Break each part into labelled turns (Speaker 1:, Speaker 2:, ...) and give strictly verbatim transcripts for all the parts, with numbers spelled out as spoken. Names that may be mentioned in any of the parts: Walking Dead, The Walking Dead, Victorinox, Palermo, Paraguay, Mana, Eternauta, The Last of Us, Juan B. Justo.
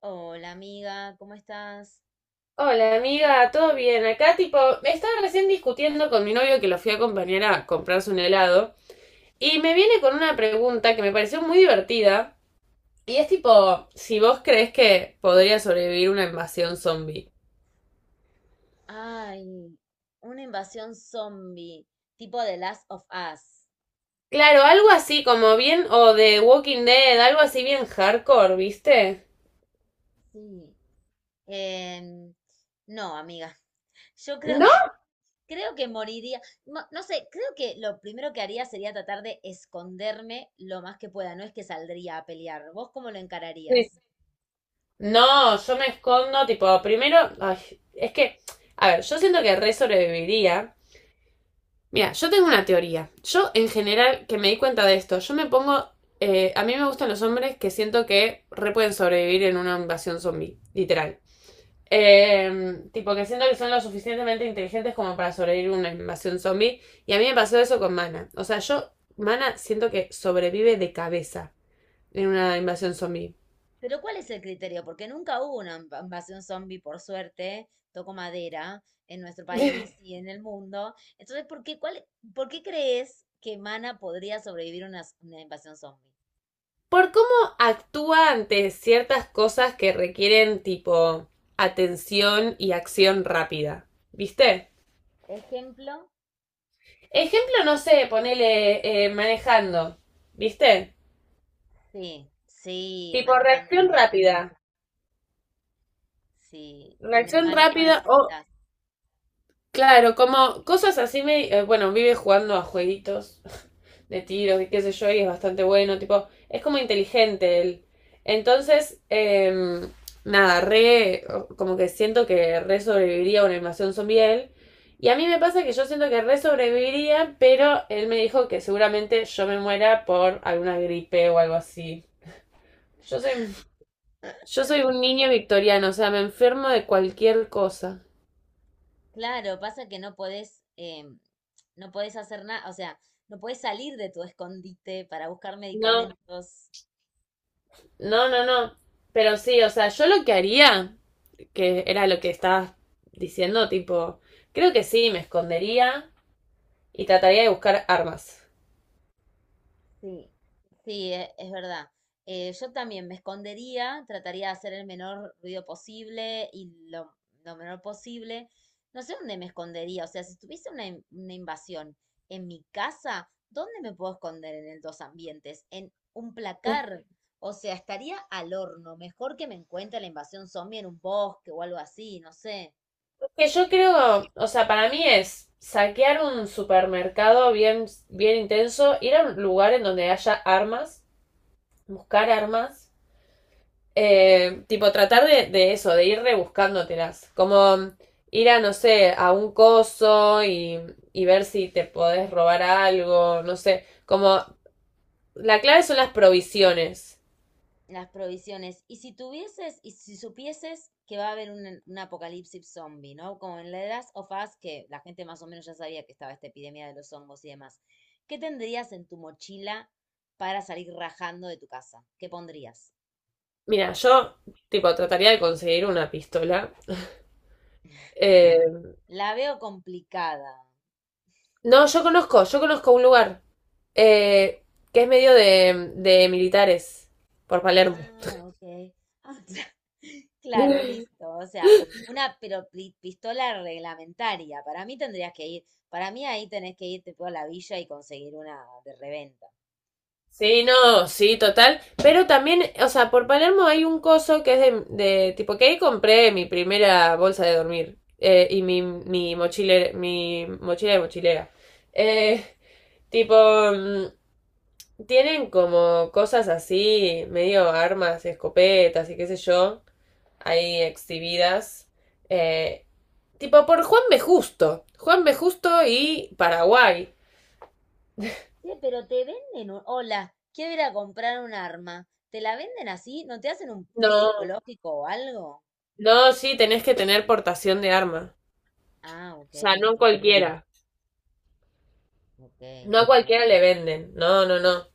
Speaker 1: Hola amiga, ¿cómo estás?
Speaker 2: Hola amiga, ¿todo bien? Acá tipo, me estaba recién discutiendo con mi novio que lo fui a acompañar a comprarse un helado y me viene con una pregunta que me pareció muy divertida y es tipo, si vos crees que podría sobrevivir una invasión zombie.
Speaker 1: Ay, una invasión zombie, tipo The Last of Us.
Speaker 2: Claro, algo así como bien o de Walking Dead, algo así bien hardcore, ¿viste?
Speaker 1: Sí. Em, no, amiga, yo creo
Speaker 2: ¿No?
Speaker 1: que, creo que moriría. No, no sé, creo que lo primero que haría sería tratar de esconderme lo más que pueda, no es que saldría a pelear. ¿Vos cómo lo
Speaker 2: Sí.
Speaker 1: encararías?
Speaker 2: No, yo me escondo tipo, primero, ay, es que, a ver, yo siento que re sobreviviría. Mira, yo tengo una teoría. Yo, en general, que me di cuenta de esto, yo me pongo. Eh, a mí me gustan los hombres que siento que re pueden sobrevivir en una invasión zombie, literal. Eh, tipo que siento que son lo suficientemente inteligentes como para sobrevivir a una invasión zombie. Y a mí me pasó eso con Mana. O sea, yo, Mana, siento que sobrevive de cabeza en una invasión zombie.
Speaker 1: Pero ¿cuál es el criterio? Porque nunca hubo una inv- invasión zombie, por suerte, toco madera, en nuestro país y en el mundo. Entonces, ¿por qué, cuál, por qué crees que Mana podría sobrevivir a una, una invasión zombie?
Speaker 2: Por cómo actúa ante ciertas cosas que requieren, tipo, atención y acción rápida. ¿Viste?
Speaker 1: Ejemplo,
Speaker 2: Ejemplo, no sé, ponele eh, manejando, ¿viste?
Speaker 1: sí, sí,
Speaker 2: Tipo
Speaker 1: manejando,
Speaker 2: reacción
Speaker 1: claro.
Speaker 2: rápida.
Speaker 1: Sí, en el
Speaker 2: Reacción
Speaker 1: manejo
Speaker 2: rápida o,
Speaker 1: necesitas.
Speaker 2: claro, como cosas así me... eh, bueno, vive jugando a jueguitos de tiros y qué sé yo, y es bastante bueno, tipo, es como inteligente él. Entonces, em, nada, re, como que siento que re sobreviviría a una invasión zombie él. Y a mí me pasa que yo siento que re sobreviviría, pero él me dijo que seguramente yo me muera por alguna gripe o algo así. Yo soy, yo soy un niño victoriano, o sea, me enfermo de cualquier cosa.
Speaker 1: Claro, pasa que no podés, em, no podés hacer nada, o sea, no podés salir de tu escondite para buscar
Speaker 2: No,
Speaker 1: medicamentos.
Speaker 2: no, no, no. Pero sí, o sea, yo lo que haría, que era lo que estabas diciendo, tipo, creo que sí, me escondería y trataría de buscar armas.
Speaker 1: Sí, sí, e- es verdad. Eh, yo también me escondería, trataría de hacer el menor ruido posible y lo, lo menor posible. No sé dónde me escondería, o sea, si tuviese una, in- una invasión en mi casa, ¿dónde me puedo esconder en el dos ambientes? En un placar, o sea, estaría al horno. Mejor que me encuentre la invasión zombie en un bosque o algo así, no sé.
Speaker 2: Que yo creo, o sea, para mí es saquear un supermercado bien, bien intenso, ir a un lugar en donde haya armas, buscar armas. Eh, tipo, tratar de, de eso, de ir rebuscándotelas. Como ir a, no sé, a un coso y, y ver si te podés robar algo, no sé. Como la clave son las provisiones.
Speaker 1: Las provisiones. Y si tuvieses, y si supieses que va a haber un, un apocalipsis zombie, ¿no? Como en The Last of Us, que la gente más o menos ya sabía que estaba esta epidemia de los hongos y demás. ¿Qué tendrías en tu mochila para salir rajando de tu casa? ¿Qué pondrías?
Speaker 2: Mira, yo, tipo, trataría de conseguir una pistola. Eh,
Speaker 1: La veo complicada.
Speaker 2: no, yo conozco, yo conozco un lugar eh, que es medio de, de militares, por Palermo.
Speaker 1: Ah, ok. Ah, claro, listo. O sea, una pero pi- pistola reglamentaria. Para mí tendrías que ir, para mí ahí tenés que irte por la villa y conseguir una de reventa.
Speaker 2: Sí, no, sí, total. Pero también, o sea, por Palermo hay un coso que es de, de tipo que ahí compré mi primera bolsa de dormir, eh, y mi, mi mochilera, mi mochila de mochilera. Eh, Tipo, mm, tienen como cosas así, medio armas, escopetas y qué sé yo, ahí exhibidas. Eh, Tipo por Juan B. Justo. Juan B. Justo y Paraguay.
Speaker 1: Sí, pero te venden un... Hola, quiero ir a comprar un arma. ¿Te la venden así? ¿No te hacen un test
Speaker 2: No,
Speaker 1: psicológico o algo?
Speaker 2: no, sí, tenés que tener portación de arma.
Speaker 1: Ah, ok,
Speaker 2: Sea, no a cualquiera.
Speaker 1: ok.
Speaker 2: No a cualquiera le venden. No, no, no.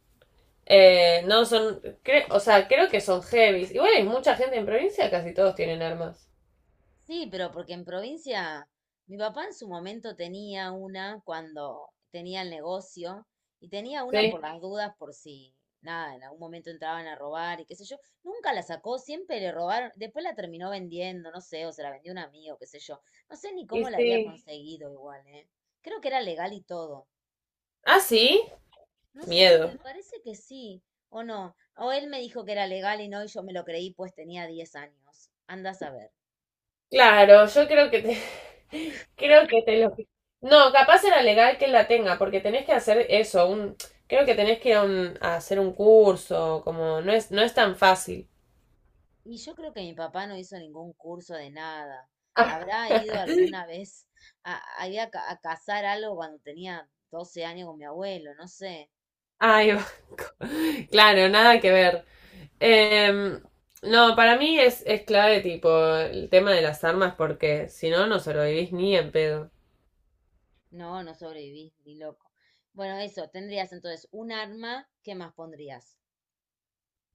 Speaker 2: Eh, no son. Cre- o sea, creo que son heavies. Igual hay mucha gente en provincia, casi todos tienen armas.
Speaker 1: Sí, pero porque en provincia, mi papá en su momento tenía una cuando tenía el negocio y tenía una por
Speaker 2: Sí.
Speaker 1: las dudas por si, nada, en algún momento entraban a robar y qué sé yo. Nunca la sacó, siempre le robaron. Después la terminó vendiendo, no sé, o se la vendió un amigo, qué sé yo. No sé ni
Speaker 2: Y
Speaker 1: cómo la
Speaker 2: sí.
Speaker 1: había conseguido igual, ¿eh? Creo que era legal y todo.
Speaker 2: Ah, sí.
Speaker 1: No sé,
Speaker 2: Miedo.
Speaker 1: me parece que sí, o no. O él me dijo que era legal y no, y yo me lo creí, pues tenía diez años. Anda a saber.
Speaker 2: Claro, yo creo que te. Creo que te lo. No, capaz era legal que la tenga, porque tenés que hacer eso. Un, creo que tenés que ir a, un- a hacer un curso. Como no es, no es tan fácil.
Speaker 1: Y yo creo que mi papá no hizo ningún curso de nada.
Speaker 2: Ah,
Speaker 1: ¿Habrá ido alguna vez a, a, ir a ca- a cazar algo cuando tenía doce años con mi abuelo? No sé.
Speaker 2: ahí va. Claro, nada que ver. Em, no, para mí es, es, clave, tipo, el tema de las armas, porque si no, no sobrevivís ni en pedo.
Speaker 1: No, no sobreviví, ni loco. Bueno, eso, tendrías entonces un arma, ¿qué más pondrías?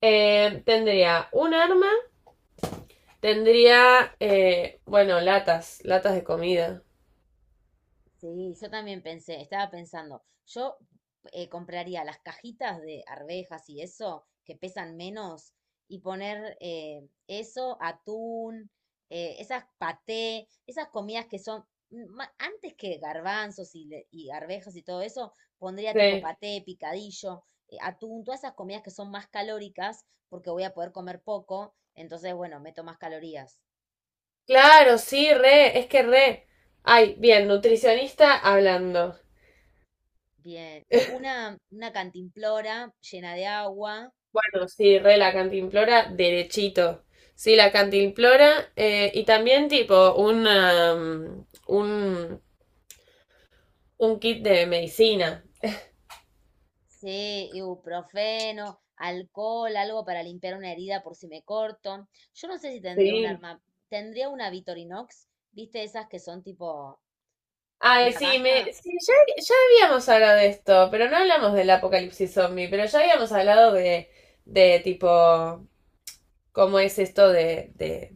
Speaker 2: Em, tendría un arma, tendría, eh, bueno, latas, latas de comida.
Speaker 1: Sí, yo también pensé, estaba pensando, yo eh, compraría las cajitas de arvejas y eso, que pesan menos, y poner eh, eso, atún, eh, esas paté, esas comidas que son, mm, ma- antes que garbanzos y, le- y arvejas y todo eso, pondría tipo
Speaker 2: Sí.
Speaker 1: paté, picadillo, eh, atún, todas esas comidas que son más calóricas, porque voy a poder comer poco, entonces, bueno, meto más calorías.
Speaker 2: Claro, sí, re, es que re. Ay, bien, nutricionista hablando.
Speaker 1: Bien, y una, una cantimplora llena de agua.
Speaker 2: Bueno, sí, re la cantimplora, derechito. Sí, la cantimplora, eh, y también tipo una, mm, un, un kit de medicina.
Speaker 1: Sí, ibuprofeno, alcohol, algo para limpiar una herida por si me corto. Yo no sé si tendría un
Speaker 2: Sí.
Speaker 1: arma, tendría una Victorinox, ¿viste esas que son tipo
Speaker 2: Ay, sí,
Speaker 1: navaja?
Speaker 2: me, sí, ya, ya habíamos hablado de esto, pero no hablamos del apocalipsis zombie, pero ya habíamos hablado de, de tipo, cómo es esto de, de...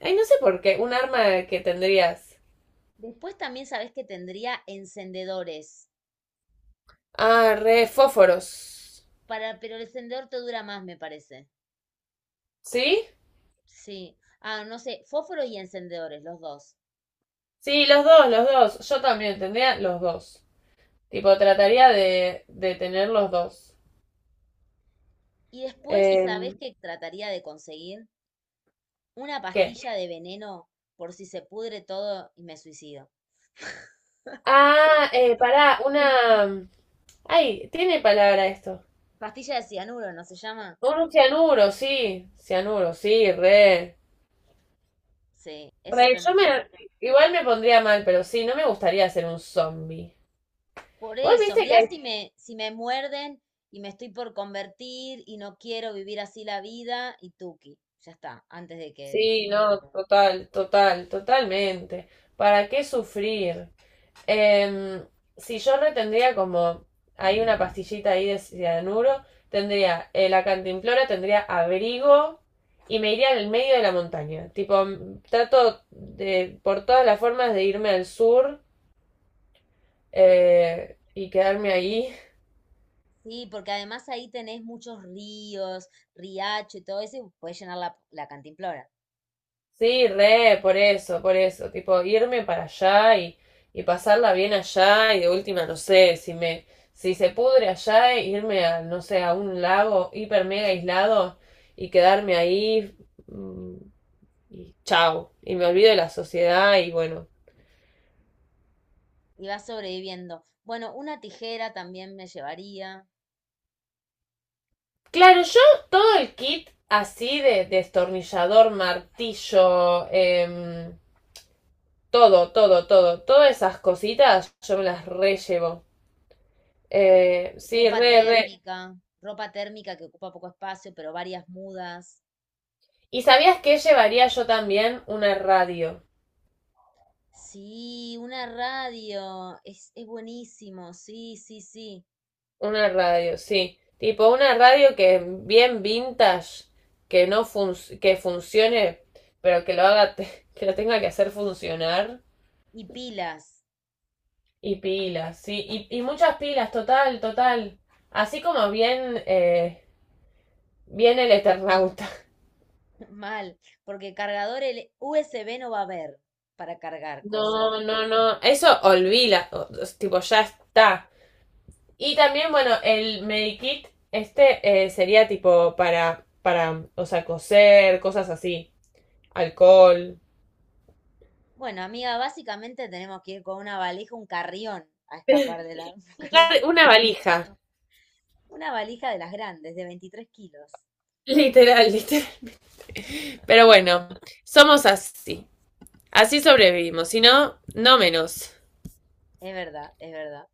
Speaker 2: Ay, no sé por qué, un arma que tendrías.
Speaker 1: Después también sabes que tendría encendedores,
Speaker 2: Ah, re fósforos.
Speaker 1: para, pero el encendedor te dura más, me parece.
Speaker 2: ¿Sí?
Speaker 1: Sí. Ah, no sé, fósforo y encendedores, los dos.
Speaker 2: Sí, los dos, los dos. Yo también tendría los dos. Tipo, trataría de, de tener los dos.
Speaker 1: Y después, ¿sabes
Speaker 2: Em,
Speaker 1: que trataría de conseguir? Una
Speaker 2: ¿Qué?
Speaker 1: pastilla de veneno por si se pudre todo y me suicido.
Speaker 2: Ah, eh, pará, una... Ay, tiene palabra esto.
Speaker 1: Pastilla de cianuro, ¿no se llama?
Speaker 2: Un cianuro, sí. Cianuro, sí, re.
Speaker 1: Sí, eso
Speaker 2: Re, yo
Speaker 1: tendría.
Speaker 2: me. Igual me pondría mal, pero sí, no me gustaría ser un zombie.
Speaker 1: Por
Speaker 2: Vos
Speaker 1: eso,
Speaker 2: viste que.
Speaker 1: mirá si me, si me muerden y me estoy por convertir y no quiero vivir así la vida y tuki, ya está, antes de que...
Speaker 2: Sí, no, total, total, totalmente. ¿Para qué sufrir? Em, si yo retendría como. Hay una pastillita ahí de cianuro. Tendría, eh, la cantimplora, tendría abrigo. Y me iría al medio de la montaña. Tipo, m- trato de, por todas las formas de irme al sur, eh, y quedarme ahí.
Speaker 1: Sí, porque además ahí tenés muchos ríos, riacho y todo eso, y puedes llenar la, la cantimplora.
Speaker 2: Sí, re, por eso, por eso, tipo irme para allá y, y pasarla bien allá y de última, no sé, si me, si se pudre allá, irme a, no sé, a un lago hiper mega aislado y quedarme ahí, mm, y chao, y me olvido de la sociedad y bueno.
Speaker 1: Y vas sobreviviendo. Bueno, una tijera también me llevaría,
Speaker 2: Claro, yo todo el kit así de destornillador, martillo, em, todo, todo, todo. Todas esas cositas yo me las re llevo. Eh, sí,
Speaker 1: ropa
Speaker 2: re, re.
Speaker 1: térmica, ropa térmica que ocupa poco espacio, pero varias mudas.
Speaker 2: ¿Y sabías que llevaría yo también una radio?
Speaker 1: Sí, una radio, es, es buenísimo, sí, sí, sí.
Speaker 2: Una radio, sí. Tipo una radio que bien vintage, que no func que funcione, pero que lo haga, te- que lo tenga que hacer funcionar.
Speaker 1: Y pilas,
Speaker 2: Y pilas, sí. Y, y muchas pilas, total, total. Así como bien, eh, bien el Eternauta.
Speaker 1: mal, porque cargador el U S B no va a haber para cargar cosas.
Speaker 2: No, no, no. Eso olvida. o- o- Tipo, ya está. Y también, bueno, el Medikit, este eh, sería tipo para, para, o sea, coser, cosas así, alcohol.
Speaker 1: Bueno, amiga, básicamente tenemos que ir con una valija, un carrión, a escapar del apocalipsis.
Speaker 2: Una valija,
Speaker 1: Una valija de las grandes, de veintitrés kilos.
Speaker 2: literal, literal. Pero bueno, somos así. Así sobrevivimos, si no, no menos.
Speaker 1: Es verdad, es verdad.